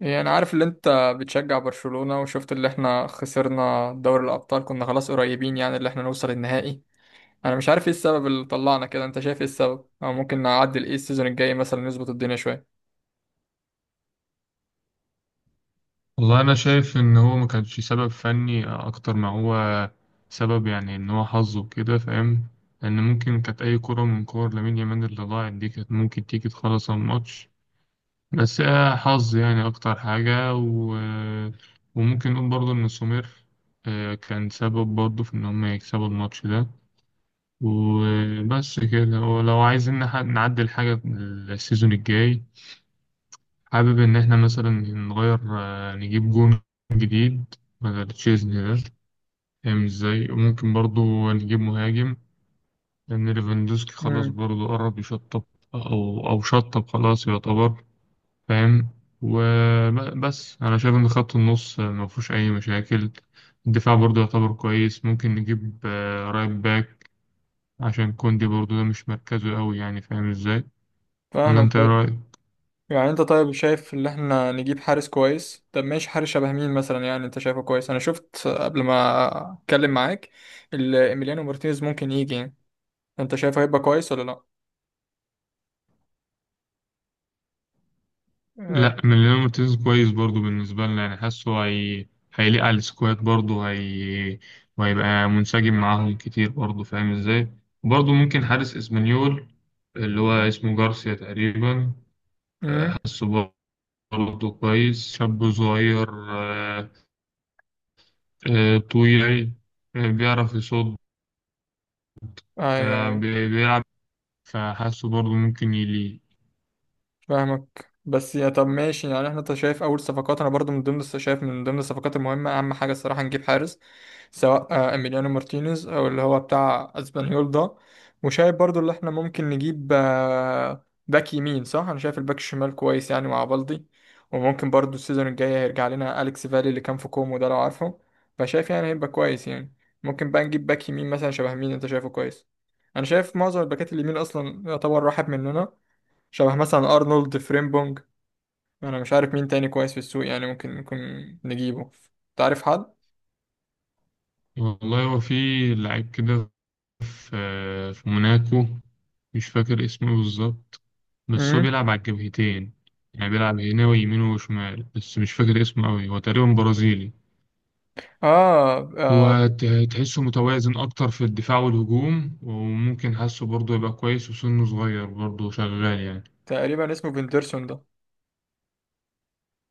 يعني انا عارف اللي انت بتشجع برشلونة، وشفت اللي احنا خسرنا دوري الابطال. كنا خلاص قريبين يعني اللي احنا نوصل النهائي. انا مش عارف ايه السبب اللي طلعنا كده، انت شايف ايه السبب او ممكن نعدل ايه السيزون الجاي مثلا نظبط الدنيا شوية؟ والله أنا شايف إن هو ما كانش سبب فني أكتر ما هو سبب، يعني إن هو حظ وكده، فاهم؟ لأن ممكن كانت أي كرة من كور لامين يامال اللي ضاعت دي كانت ممكن تيجي تخلص الماتش. بس آه حظ يعني أكتر حاجة. وممكن نقول برضه إن سومير، كان سبب برضه في إن هم يكسبوا الماتش ده. وبس كده، ولو عايزين نعدل حاجة السيزون الجاي، حابب إن إحنا مثلا نغير، نجيب جون جديد بدل تشيزني ده، فاهم إزاي. وممكن برضو نجيب مهاجم لأن ليفاندوسكي خلاص امم. برضو قرب يشطب، أو شطب خلاص يعتبر، فاهم. وبس أنا شايف إن خط النص ما فيهوش أي مشاكل. الدفاع برضو يعتبر كويس، ممكن نجيب رايت باك، عشان كوندي برضو ده مش مركزه أوي، يعني فاهم إزاي. ولا فاهمك أنت إيه طيب. رأيك؟ يعني انت طيب شايف ان احنا نجيب حارس كويس، طب ماشي حارس شبه مين مثلا؟ يعني انت شايفه كويس. انا شفت قبل ما اتكلم معاك ايميليانو مارتينيز ممكن يجي يعني. انت شايفه هيبقى كويس ولا لا؟ لا، مليان مارتينيز كويس برضو بالنسبة لنا، يعني حاسه. هيليق على السكواد برضو. وهيبقى منسجم معاهم كتير برضو، فاهم ازاي. وبرضو ممكن حارس اسبانيول اللي هو اسمه جارسيا تقريبا. امم. حاسه برضو كويس، شاب صغير، طويل، بيعرف يصد، ايوه، ايوه. بيلعب، فحاسه برضو ممكن يليق. فاهمك. بس يا طب ماشي، يعني احنا انت شايف اول صفقات. انا برضو من ضمن شايف من ضمن الصفقات المهمه، اهم حاجه الصراحه نجيب حارس، سواء اميليانو مارتينيز او اللي هو بتاع اسبانيول ده. وشايف برضو اللي احنا ممكن نجيب باك يمين. صح، انا شايف الباك الشمال كويس يعني مع بالدي. وممكن برضو السيزون الجاي هيرجع لنا اليكس فالي اللي كان في كومو ده، لو عارفه. فشايف يعني هيبقى كويس يعني. ممكن بقى نجيب باك يمين مثلا شبه مين انت شايفه كويس؟ انا شايف معظم الباكات اليمين اصلا يعتبر راحت مننا. شبه مثلا ارنولد فريمبونج. انا مش عارف مين تاني كويس في السوق، يعني ممكن نكون نجيبه. تعرف حد؟ والله هو في لعيب كده، في في موناكو، مش فاكر اسمه بالظبط، بس هو امم. بيلعب على الجبهتين. يعني بيلعب هنا ويمين وشمال، بس مش فاكر اسمه أوي، هو تقريبا برازيلي. آه، اه. هو ت- تحسه متوازن أكتر في الدفاع والهجوم، وممكن حاسه برضه يبقى كويس، وسنه صغير برضه شغال يعني. تقريبا اسمه فيندرسون ده.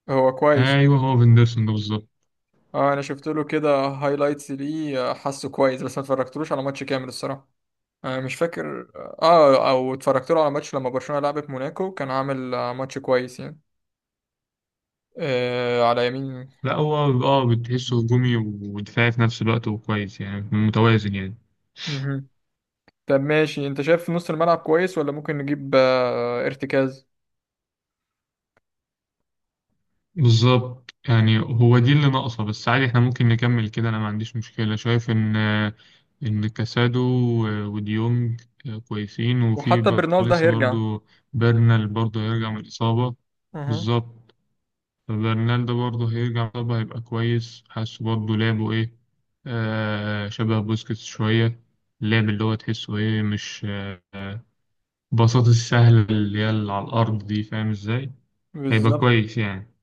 هو كويس. أيوه، هو فيندرسون ده بالظبط. اه، انا شفت له كده هايلايتس ليه، حاسه كويس بس ما اتفرجتلوش على ماتش كامل الصراحه. مش فاكر. اه، او اتفرجت له على ماتش لما برشلونه لعبت موناكو، كان عامل ماتش كويس يعني. على يمين. لا، هو اه بتحسه هجومي ودفاعي في نفس الوقت، وكويس يعني متوازن يعني. مهم. طب ماشي، انت شايف نص الملعب كويس ولا ممكن نجيب ارتكاز؟ بالظبط، يعني هو دي اللي ناقصة، بس عادي احنا ممكن نكمل كده، انا ما عنديش مشكلة، شايف ان كاسادو وديونج كويسين، وفي وحتى برنال ده لسه هيرجع. برضو. برنال برضو هيرجع من الإصابة. اها. بالظبط. برنال ده برضو هيرجع من الإصابة، هيبقى كويس، حاسه برضو لعبه ايه، شبه بوسكيتس شوية، اللعب اللي هو تحسه ايه، مش آه بساطة السهلة اللي هي اللي على الأرض دي، فاهم ازاي. هيبقى بالظبط. كويس يعني.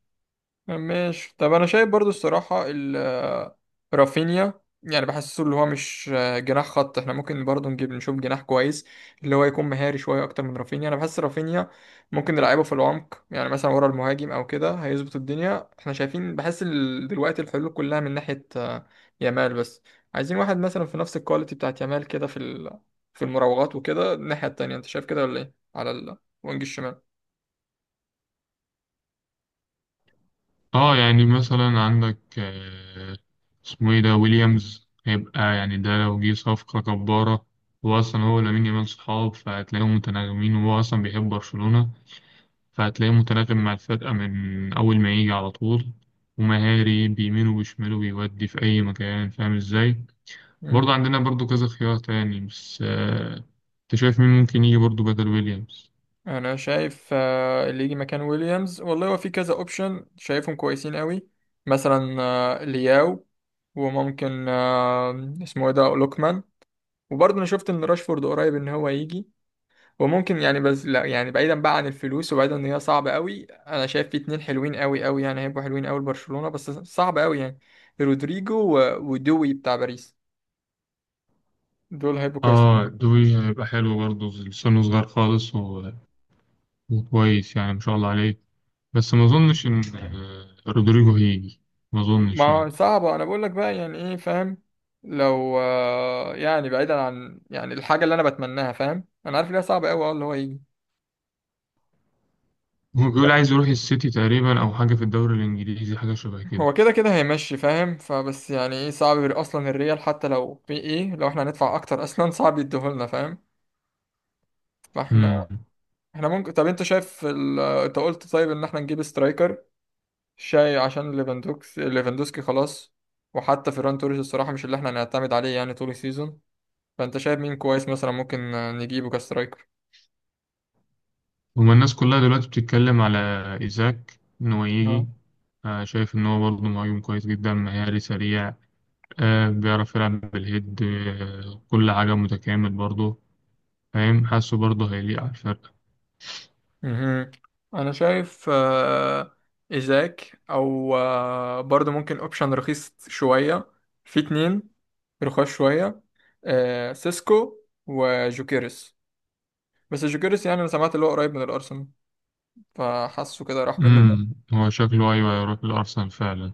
ماشي، طب انا شايف برضو الصراحه رافينيا يعني بحسه اللي هو مش جناح خط. احنا ممكن برضو نجيب نشوف جناح كويس اللي هو يكون مهاري شويه اكتر من رافينيا. انا بحس رافينيا ممكن نلعبه في العمق، يعني مثلا ورا المهاجم او كده هيظبط الدنيا. احنا شايفين بحس دلوقتي الحلول كلها من ناحيه يامال بس. عايزين واحد مثلا في نفس الكواليتي بتاعت يامال كده في المراوغات وكده الناحيه التانيه. انت شايف كده ولا ايه على الوينج الشمال؟ اه، يعني مثلا عندك، اسمه ايه ده، ويليامز، هيبقى يعني ده لو جه صفقة جبارة. هو أصلا، هو ولامين يامال صحاب، فهتلاقيهم متناغمين، وهو أصلا بيحب برشلونة، فهتلاقيه متناغم مع الفرقة من أول ما يجي على طول، ومهاري بيمين وبيشمال وبيودي في أي مكان، فاهم ازاي. برضه عندنا برضه كذا خيار تاني، بس أنت شايف مين ممكن يجي برضه بدل ويليامز؟ انا شايف اللي يجي مكان ويليامز والله هو في كذا اوبشن شايفهم كويسين قوي. مثلا لياو. وممكن اسمه ايه ده، لوكمان. وبرضه انا شفت ان راشفورد قريب ان هو يجي. وممكن يعني، بس لا يعني بعيدا بقى عن الفلوس وبعيدا ان هي صعبه قوي، انا شايف في اتنين حلوين قوي قوي يعني هيبقوا حلوين قوي لبرشلونه بس صعب قوي يعني. رودريجو ودوي بتاع باريس. دول هيبقوا كويسين. اه، دوي هيبقى حلو برضه، لسانه صغير خالص. وكويس يعني، ما شاء الله عليه. بس ما اظنش ان رودريجو هيجي، ما اظنش ما يعني. صعبة، أنا بقول لك بقى يعني إيه فاهم. لو يعني بعيدا عن يعني الحاجة اللي أنا بتمناها، فاهم، أنا عارف إنها صعبة أوي اللي هو يجي. هو بيقول طب عايز يروح السيتي تقريبا، او حاجه في الدوري الانجليزي، حاجه شبه هو كده. كده كده هيمشي فاهم، فبس يعني إيه صعب يبقى أصلا الريال، حتى لو في إيه لو إحنا هندفع أكتر أصلا صعب يديهولنا فاهم. فإحنا امم إحنا ممكن. طب أنت شايف أنت قلت طيب إن إحنا نجيب سترايكر شاي عشان ليفاندوسكي خلاص. وحتى فيران توريس الصراحة مش اللي إحنا هنعتمد عليه يعني طول السيزون. فأنت شايف مين كويس مثلا ممكن نجيبه كسترايكر؟ هما الناس كلها دلوقتي بتتكلم على ايزاك ان هو يجي. شايف ان هو برضه مهاجم كويس جدا، مهاري سريع، بيعرف يلعب بالهيد، كل حاجه متكامل برضه، فاهم، حاسه برضه هيليق على الفرقه. مهم. انا شايف ازاك او برضو ممكن اوبشن رخيص شوية. في اتنين رخاص شوية، سيسكو وجوكيرس. بس جوكيرس يعني انا سمعت اللي هو قريب من الارسنال، فحاسه كده راح هو شكله ايوه، هيروح الارسنال فعلا.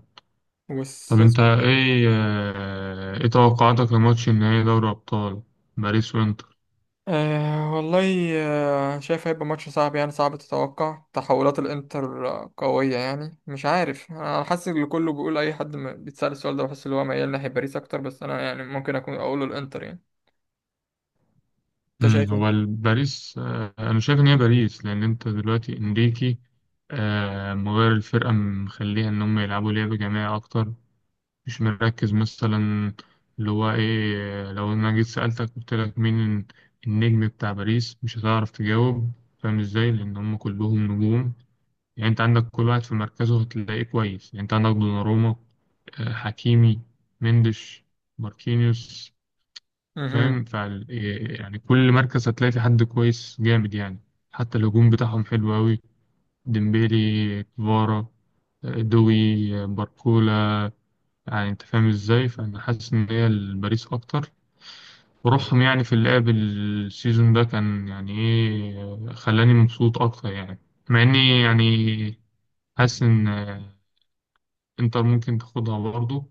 منه. طب انت ايه توقعاتك لماتش النهائي دوري ابطال، باريس وانتر؟ أه والله، شايف هيبقى ماتش صعب. يعني صعب تتوقع، تحولات الانتر قوية يعني. مش عارف، انا حاسس ان كله بيقول، اي حد بيتسأل السؤال ده بحس ان هو ميال ناحية باريس اكتر، بس انا يعني ممكن اكون اقوله الانتر يعني. انت شايف ايه؟ هو باريس، انا شايف ان هي باريس، لان انت دلوقتي انريكي مغير الفرقه، مخليها ان هم يلعبوا لعب جماعي اكتر، مش مركز مثلا اللي هو ايه. لو انا جيت سالتك قلت لك مين النجم بتاع باريس مش هتعرف تجاوب، فاهم ازاي، لان هم كلهم نجوم. يعني انت عندك كل واحد في مركزه هتلاقيه كويس، يعني انت عندك دوناروما، حكيمي، مندش، ماركينيوس، مهم. فاهم. فال يعني كل مركز هتلاقي في حد كويس جامد يعني، حتى الهجوم بتاعهم حلو أوي، ديمبيلي، كفارا، دوي، باركولا، يعني انت فاهم ازاي. فانا حاسس ان هي الباريس اكتر، وروحهم يعني في اللعب السيزون ده كان يعني ايه، خلاني مبسوط اكتر يعني. مع اني يعني حاسس ان انتر ممكن تاخدها برضه،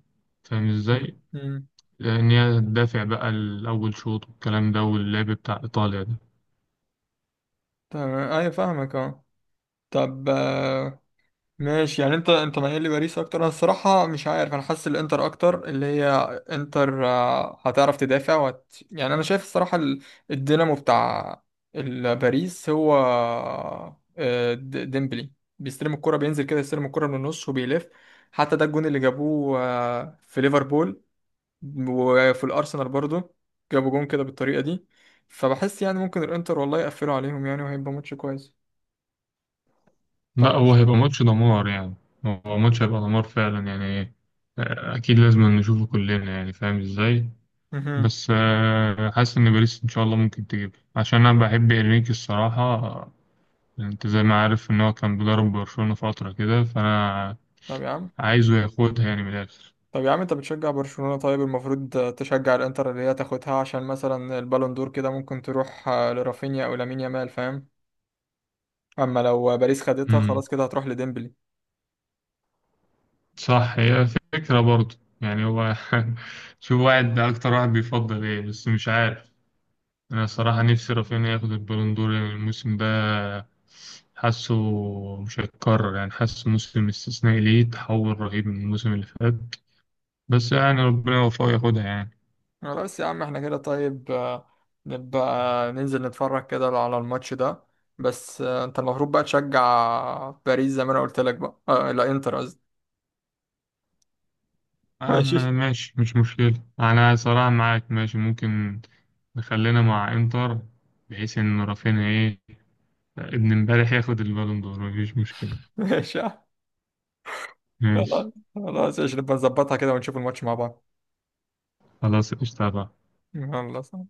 فاهم ازاي، مهم. ان هي تدافع بقى الاول شوط والكلام ده واللعب بتاع ايطاليا ده. تمام، ايوه فاهمك، اه. طب ماشي، يعني انت مايل لباريس اكتر. انا الصراحه مش عارف، انا حاسس الانتر اكتر، اللي هي انتر هتعرف تدافع، يعني انا شايف الصراحه الدينامو بتاع باريس هو ديمبلي، بيستلم الكره بينزل كده يستلم الكره من النص وبيلف. حتى ده الجون اللي جابوه في ليفربول وفي الارسنال برضو، جابوا جون كده بالطريقه دي. فبحس يعني ممكن الانتر والله يقفلوا عليهم يعني وهيبقى ماتش كويس. لا، فانا. هو هيبقى ماتش دمار يعني، هو ماتش هيبقى دمار فعلا يعني. اكيد لازم نشوفه كلنا يعني، فاهم ازاي. مهم. بس حاسس ان باريس ان شاء الله ممكن تجيب، عشان انا بحب انريكي الصراحه. انت زي ما عارف ان هو كان بيدرب برشلونه فتره كده، فانا طب يا عم عايزه ياخدها يعني من الاخر. طب يا عم، انت بتشجع برشلونة، طيب المفروض تشجع الانتر اللي هي تاخدها عشان مثلا البالون دور كده ممكن تروح لرافينيا او لامين يامال فاهم. اما لو باريس خدتها امم، خلاص كده هتروح لديمبلي. صح، هي فكره برضه، يعني هو شوف واحد اكتر واحد بيفضل ايه، بس مش عارف. أنا صراحة نفسي رافينيا ياخد البالون دور يعني الموسم ده، حاسه مش هيتكرر يعني، حاسه موسم استثنائي ليه، تحول رهيب من الموسم اللي فات، بس يعني ربنا يوفقه ياخدها يعني. خلاص يا عم، احنا كده طيب، نبقى ننزل نتفرج كده على الماتش ده. بس انت المفروض بقى تشجع باريس زي ما انا قلت لك بقى، آه لا، انتر قصدي. ماشي. أما ماشي، مش مشكلة، أنا صراحة معاك، ماشي ممكن نخلينا مع إنتر، بحيث إن رافينيا إيه ابن امبارح ياخد البالون دور، مفيش مشكلة. ماشي يا عم. ماشي. خلاص خلاص، ايش نبقى نظبطها كده ونشوف الماتش مع بعض. خلاص قشطة بقى. يلا.